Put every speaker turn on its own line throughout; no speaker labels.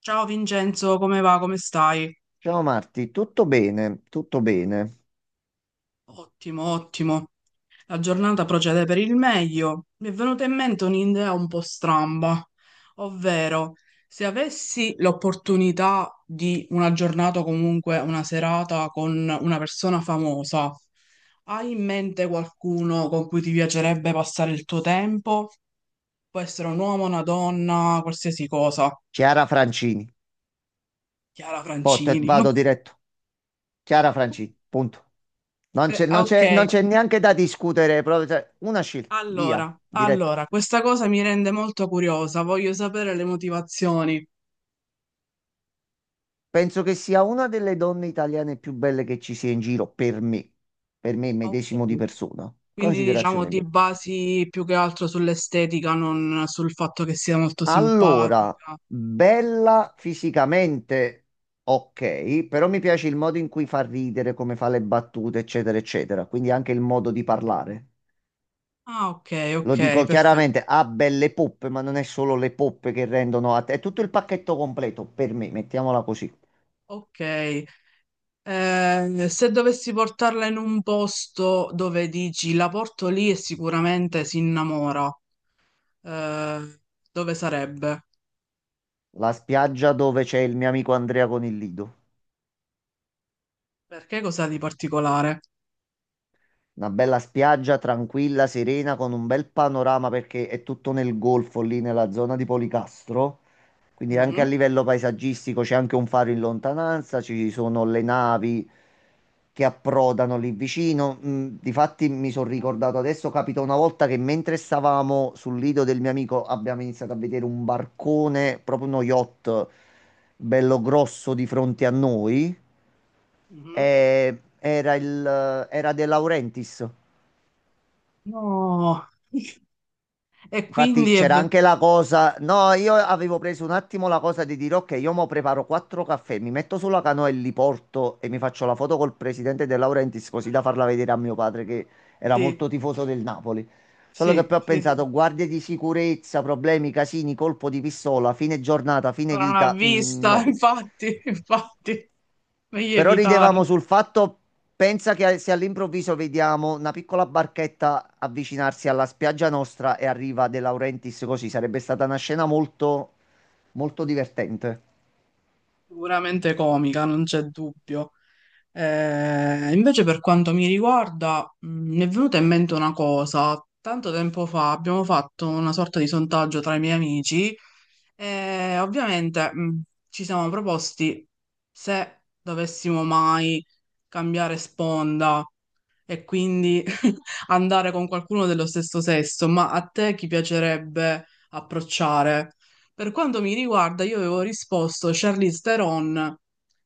Ciao Vincenzo, come va? Come stai?
Ciao Marti, tutto bene, tutto bene.
Ottimo, ottimo. La giornata procede per il meglio. Mi è venuta in mente un'idea un po' stramba, ovvero se avessi l'opportunità di una giornata o comunque una serata con una persona famosa, hai in mente qualcuno con cui ti piacerebbe passare il tuo tempo? Può essere un uomo, una donna, qualsiasi cosa.
Chiara Francini,
Chiara Francini.
vado diretto. Chiara Francini, punto.
Ok.
Non c'è neanche da discutere, proprio, cioè, una scelta, via,
Allora,
diretto.
allora, questa cosa mi rende molto curiosa, voglio sapere le motivazioni.
Penso che sia una delle donne italiane più belle che ci sia in giro, per me medesimo di
Ok.
persona.
Quindi diciamo
Considerazione
ti
mia.
basi più che altro sull'estetica, non sul fatto che sia molto
Allora,
simpatica.
bella fisicamente, ok, però mi piace il modo in cui fa ridere, come fa le battute, eccetera, eccetera. Quindi anche il modo di parlare.
Ah, ok, ok,
Lo dico
perfetto.
chiaramente, ha belle poppe, ma non è solo le poppe che rendono a te, è tutto il pacchetto completo per me, mettiamola così.
Ok. Se dovessi portarla in un posto dove dici la porto lì e sicuramente si innamora, eh, dove sarebbe?
La spiaggia dove c'è il mio amico Andrea con il lido.
Perché cosa di particolare?
Una bella spiaggia tranquilla, serena, con un bel panorama perché è tutto nel golfo, lì nella zona di Policastro. Quindi anche a
Mhm,
livello paesaggistico c'è anche un faro in lontananza, ci sono le navi che approdano lì vicino. Mm, difatti mi sono ricordato adesso, capita una volta che mentre stavamo sul lido del mio amico abbiamo iniziato a vedere un barcone, proprio uno yacht bello grosso di fronte a noi.
mhm.
Era De Laurentiis.
No. E
Infatti
quindi è
c'era
ve-
anche la cosa, no, io avevo preso un attimo la cosa di dire ok, io mo preparo quattro caffè, mi metto sulla canoa e li porto e mi faccio la foto col presidente De Laurentiis così da farla vedere a mio padre che era
sì,
molto tifoso del Napoli. Solo che
sì,
poi ho
sì, sì.
pensato, guardie di sicurezza, problemi, casini, colpo di pistola, fine giornata, fine
Ora non ha
vita,
vista,
no.
infatti, infatti, meglio
Però
evitare.
ridevamo sul fatto, pensa che se all'improvviso vediamo una piccola barchetta avvicinarsi alla spiaggia nostra e arriva De Laurentiis così, sarebbe stata una scena molto, molto divertente.
Sicuramente comica, non c'è dubbio. Invece per quanto mi riguarda, mi è venuta in mente una cosa. Tanto tempo fa abbiamo fatto una sorta di sondaggio tra i miei amici e ovviamente ci siamo proposti se dovessimo mai cambiare sponda e quindi andare con qualcuno dello stesso sesso, ma a te chi piacerebbe approcciare? Per quanto mi riguarda, io avevo risposto Charlize Theron,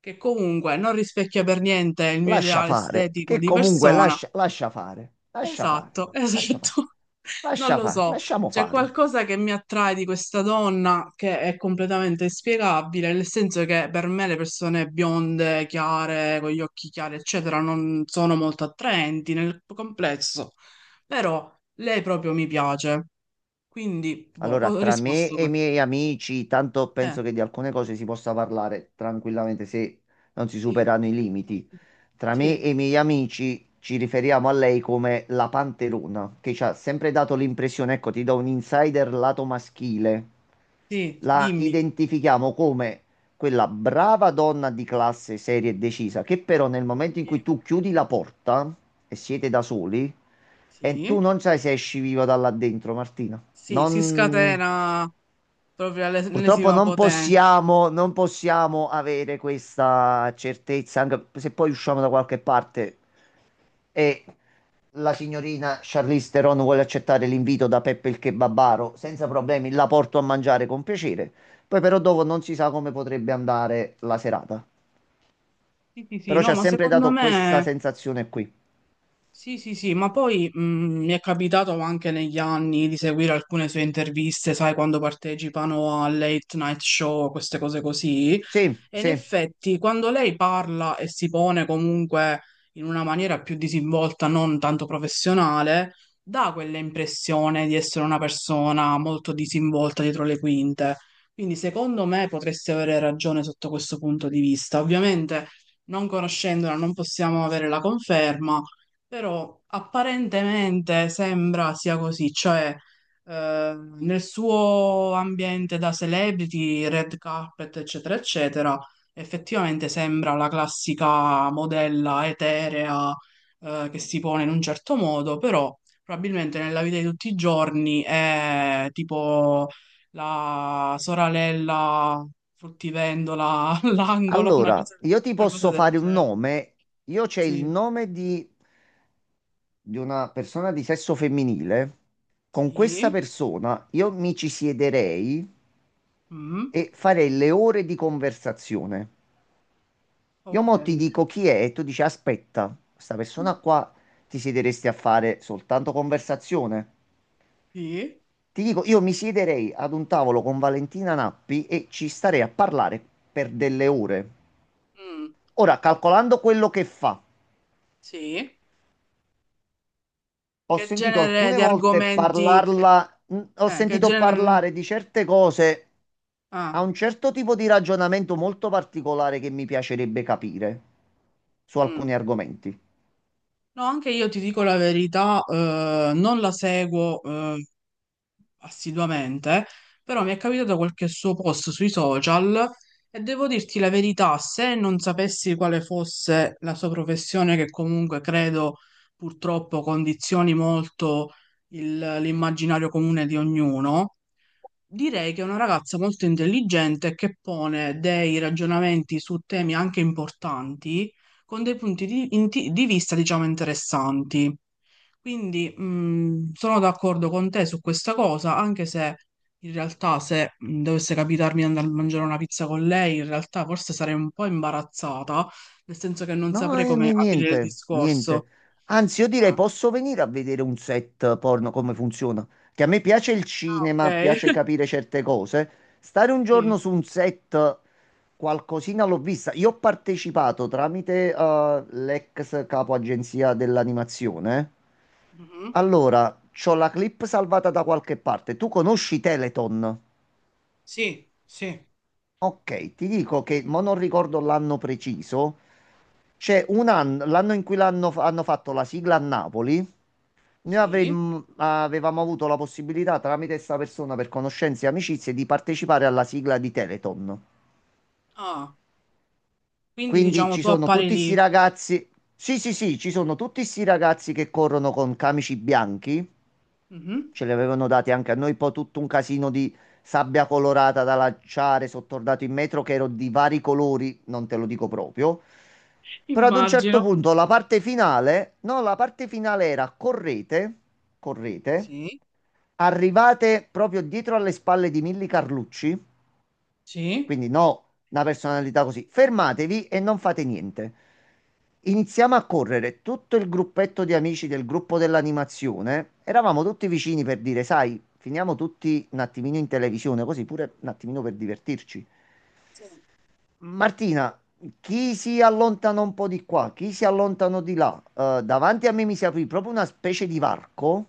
che comunque non rispecchia per niente il mio
Lascia
ideale
fare,
estetico
che
di
comunque
persona.
lascia, lascia fare, lascia fare,
Esatto,
lascia fare,
esatto. Non
lascia
lo
fare,
so.
lasciamo
C'è
fare.
qualcosa che mi attrae di questa donna che è completamente inspiegabile, nel senso che per me le persone bionde, chiare, con gli occhi chiari, eccetera, non sono molto attraenti nel complesso. Però lei proprio mi piace. Quindi, boh,
Allora,
ho
tra me
risposto
e i
questo.
miei amici, tanto
Eh,
penso che di alcune cose si possa parlare tranquillamente se non si
sì,
superano i limiti. Tra me
sì,
e i miei amici ci riferiamo a lei come la panterona, che ci ha sempre dato l'impressione, ecco, ti do un insider lato maschile.
sì,
La
dimmi.
identifichiamo come quella brava donna di classe, seria e decisa, che però nel momento in cui
Sì,
tu chiudi la porta e siete da soli, e tu
sì,
non sai se esci viva da là dentro, Martina.
sì, sì, si
Non,
scatena proprio
purtroppo
all'ennesima
non
potenza.
possiamo, non possiamo avere questa certezza, anche se poi usciamo da qualche parte e la signorina Charlize Theron vuole accettare l'invito da Peppe il Kebabaro, senza problemi, la porto a mangiare con piacere. Poi però dopo non si sa come potrebbe andare la serata.
Sì, sì, sì,
Però ci
no,
ha
ma
sempre
secondo
dato questa
me
sensazione qui.
sì, sì, sì, ma poi mi è capitato anche negli anni di seguire alcune sue interviste, sai, quando partecipano a late night show, queste cose così.
Sì,
E in
sì.
effetti, quando lei parla e si pone comunque in una maniera più disinvolta, non tanto professionale, dà quell'impressione di essere una persona molto disinvolta dietro le quinte. Quindi, secondo me, potresti avere ragione sotto questo punto di vista. Ovviamente, non conoscendola, non possiamo avere la conferma, però apparentemente sembra sia così, cioè nel suo ambiente da celebrity, red carpet, eccetera, eccetera. Effettivamente sembra la classica modella eterea, che si pone in un certo modo, però probabilmente nella vita di tutti i giorni è tipo la soralella fruttivendola all'angolo,
Allora, io ti
una cosa
posso
del
fare un
genere.
nome. Io c'è il
Sì,
nome di una persona di sesso femminile, con questa
sì,
persona io mi ci siederei
mm,
e farei le ore di conversazione. Io
ok,
mo ti dico chi è e tu dici aspetta, questa persona qua ti siederesti a fare soltanto conversazione.
sì,
Ti dico, io mi siederei ad un tavolo con Valentina Nappi e ci starei a parlare per delle ore.
mm,
Ora, calcolando quello che fa,
sì.
ho
Che
sentito
genere
alcune
di
volte
argomenti?
parlarla, ho
Che
sentito
genere?
parlare di certe cose a
Ah,
un certo tipo di ragionamento molto particolare che mi piacerebbe capire su
mm.
alcuni argomenti.
No, anche io ti dico la verità, non la seguo assiduamente, però mi è capitato qualche suo post sui social e devo dirti la verità, se non sapessi quale fosse la sua professione, che comunque credo purtroppo condizioni molto l'immaginario comune di ognuno, direi che è una ragazza molto intelligente che pone dei ragionamenti su temi anche importanti con dei punti di vista, diciamo, interessanti. Quindi sono d'accordo con te su questa cosa, anche se in realtà se dovesse capitarmi di andare a mangiare una pizza con lei, in realtà forse sarei un po' imbarazzata, nel senso che non
No,
saprei come aprire il
niente,
discorso.
niente. Anzi, io direi
Ah,
posso venire a vedere un set porno come funziona. Che a me piace il
ah, ok.
cinema, piace capire certe cose. Stare un
Sì.
giorno su un set, qualcosina l'ho vista. Io ho partecipato tramite l'ex capo agenzia dell'animazione.
Mhm.
Allora, c'ho la clip salvata da qualche parte. Tu conosci Teleton?
Sì, sì.
Ok, ti dico che, ma non ricordo l'anno preciso, c'è un anno, l'anno in cui hanno fatto la sigla a Napoli,
Sì.
avevamo avuto la possibilità tramite questa persona per conoscenze e amicizie di partecipare alla sigla di Teleton.
Ah, quindi
Quindi
diciamo
ci
tu
sono
appari
tutti questi
lì.
ragazzi, sì sì sì, ci sono tutti questi ragazzi che corrono con camici bianchi,
Mhm.
ce li avevano dati anche a noi, poi tutto un casino di sabbia colorata da lanciare, sottordato in metro che ero di vari colori, non te lo dico proprio. Però ad un certo
Immagino.
punto la parte finale, no, la parte finale era correte, correte,
Sì.
arrivate proprio dietro alle spalle di Milly Carlucci,
Sì.
quindi no, una personalità così, fermatevi e non fate niente. Iniziamo a correre, tutto il gruppetto di amici del gruppo dell'animazione, eravamo tutti vicini per dire, sai, finiamo tutti un attimino in televisione, così pure un attimino per divertirci.
Sì.
Martina, chi si allontana un po' di qua, chi si allontanò di là, davanti a me mi si aprì proprio una specie di varco.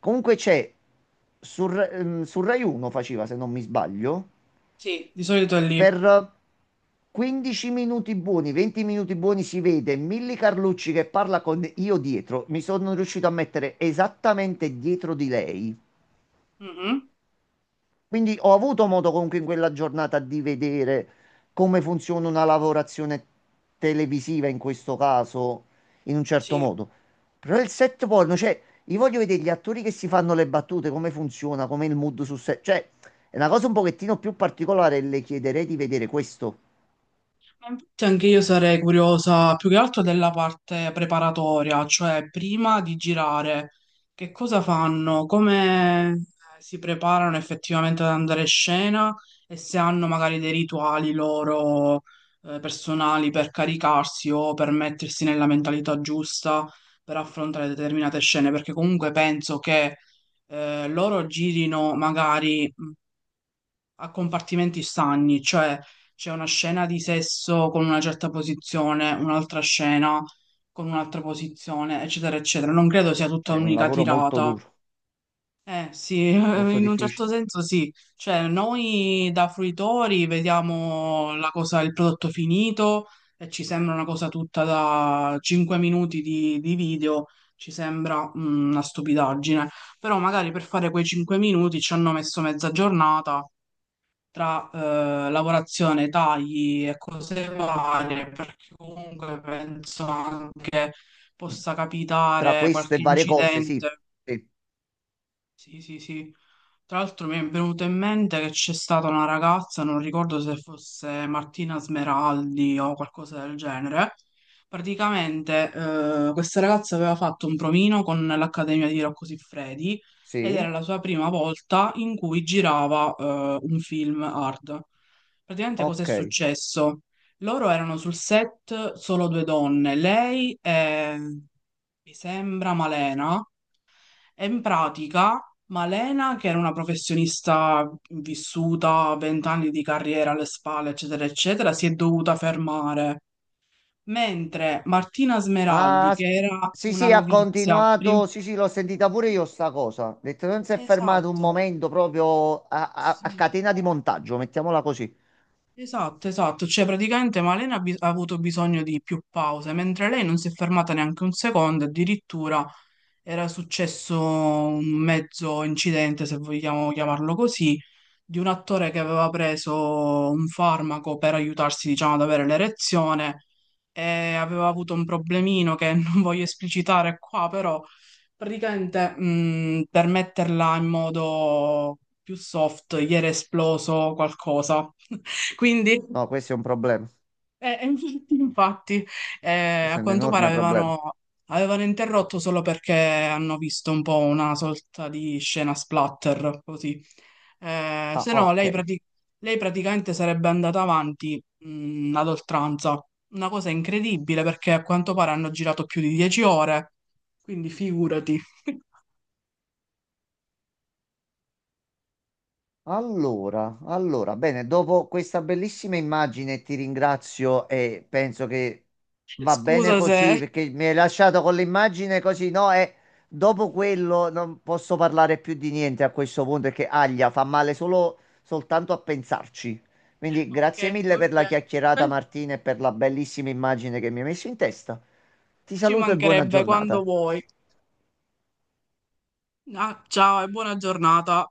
Comunque c'è, sul, sul Rai 1 faceva, se non mi sbaglio,
Sì, di solito è lì.
per 15 minuti buoni, 20 minuti buoni si vede Milly Carlucci che parla con io dietro. Mi sono riuscito a mettere esattamente dietro di lei.
Mhm.
Quindi ho avuto modo comunque in quella giornata di vedere come funziona una lavorazione televisiva in questo caso, in un certo
Sì.
modo. Però il set porno, cioè, io voglio vedere gli attori che si fanno le battute, come funziona, come il mood sul set. Cioè, è una cosa un pochettino più particolare e le chiederei di vedere questo.
Ma infatti anche io sarei curiosa più che altro della parte preparatoria, cioè prima di girare, che cosa fanno, come si preparano effettivamente ad andare in scena e se hanno magari dei rituali loro personali per caricarsi o per mettersi nella mentalità giusta per affrontare determinate scene, perché comunque penso che loro girino magari a compartimenti stagni, cioè c'è una scena di sesso con una certa posizione, un'altra scena con un'altra posizione, eccetera, eccetera. Non credo sia tutta
Cioè, è un
un'unica
lavoro molto
tirata.
duro,
Eh sì,
molto
in un
difficile.
certo senso sì. Cioè, noi da fruitori vediamo la cosa, il prodotto finito e ci sembra una cosa tutta da 5 minuti di video, ci sembra una stupidaggine. Però magari per fare quei 5 minuti ci hanno messo mezza giornata tra lavorazione, tagli e cose varie, perché comunque penso anche possa
Tra
capitare
questo e
qualche
varie cose, sì.
incidente
Sì,
sì, sì, sì. Tra l'altro mi è venuto in mente che c'è stata una ragazza, non ricordo se fosse Martina Smeraldi o qualcosa del genere. Praticamente questa ragazza aveva fatto un provino con l'Accademia di Rocco Siffredi ed era
sì,
la sua prima volta in cui girava un film hard. Praticamente cosa è
ok.
successo? Loro erano sul set solo due donne, lei e mi sembra Malena. E in pratica, Malena, che era una professionista vissuta, 20 anni di carriera alle spalle, eccetera, eccetera, si è dovuta fermare, mentre Martina Smeraldi,
Ah,
che
s-
era
sì,
una
sì, ha
novizia, prim-
continuato. Sì, sì, l'ho sentita pure io sta cosa. Ha detto, non si è fermato un
Esatto,
momento proprio a, a
sì,
catena di montaggio, mettiamola così.
esatto, esatto, cioè praticamente Malena ha avuto bisogno di più pause, mentre lei non si è fermata neanche un secondo, addirittura era successo un mezzo incidente, se vogliamo chiamarlo così di un attore che aveva preso un farmaco per aiutarsi, diciamo, ad avere l'erezione e aveva avuto un problemino che non voglio esplicitare qua, però praticamente per metterla in modo più soft, gli era esploso qualcosa. Quindi
No, questo è un problema.
infatti, infatti,
Questo
a
è un
quanto pare
enorme problema.
avevano interrotto solo perché hanno visto un po' una sorta di scena splatter, così.
Ah,
Se no,
ok.
lei praticamente sarebbe andata avanti, ad oltranza. Una cosa incredibile perché a quanto pare hanno girato più di 10 ore, quindi figurati.
Allora, allora, bene, dopo questa bellissima immagine ti ringrazio e penso che va bene
Scusa se.
così perché mi hai lasciato con l'immagine così, no? E dopo quello non posso parlare più di niente a questo punto perché aglia, fa male solo soltanto a pensarci. Quindi
Ok,
grazie mille
ok,
per la chiacchierata
perfetto.
Martina e per la bellissima immagine che mi hai messo in testa. Ti
Ci
saluto e buona
mancherebbe quando
giornata.
vuoi. Ah, ciao e buona giornata.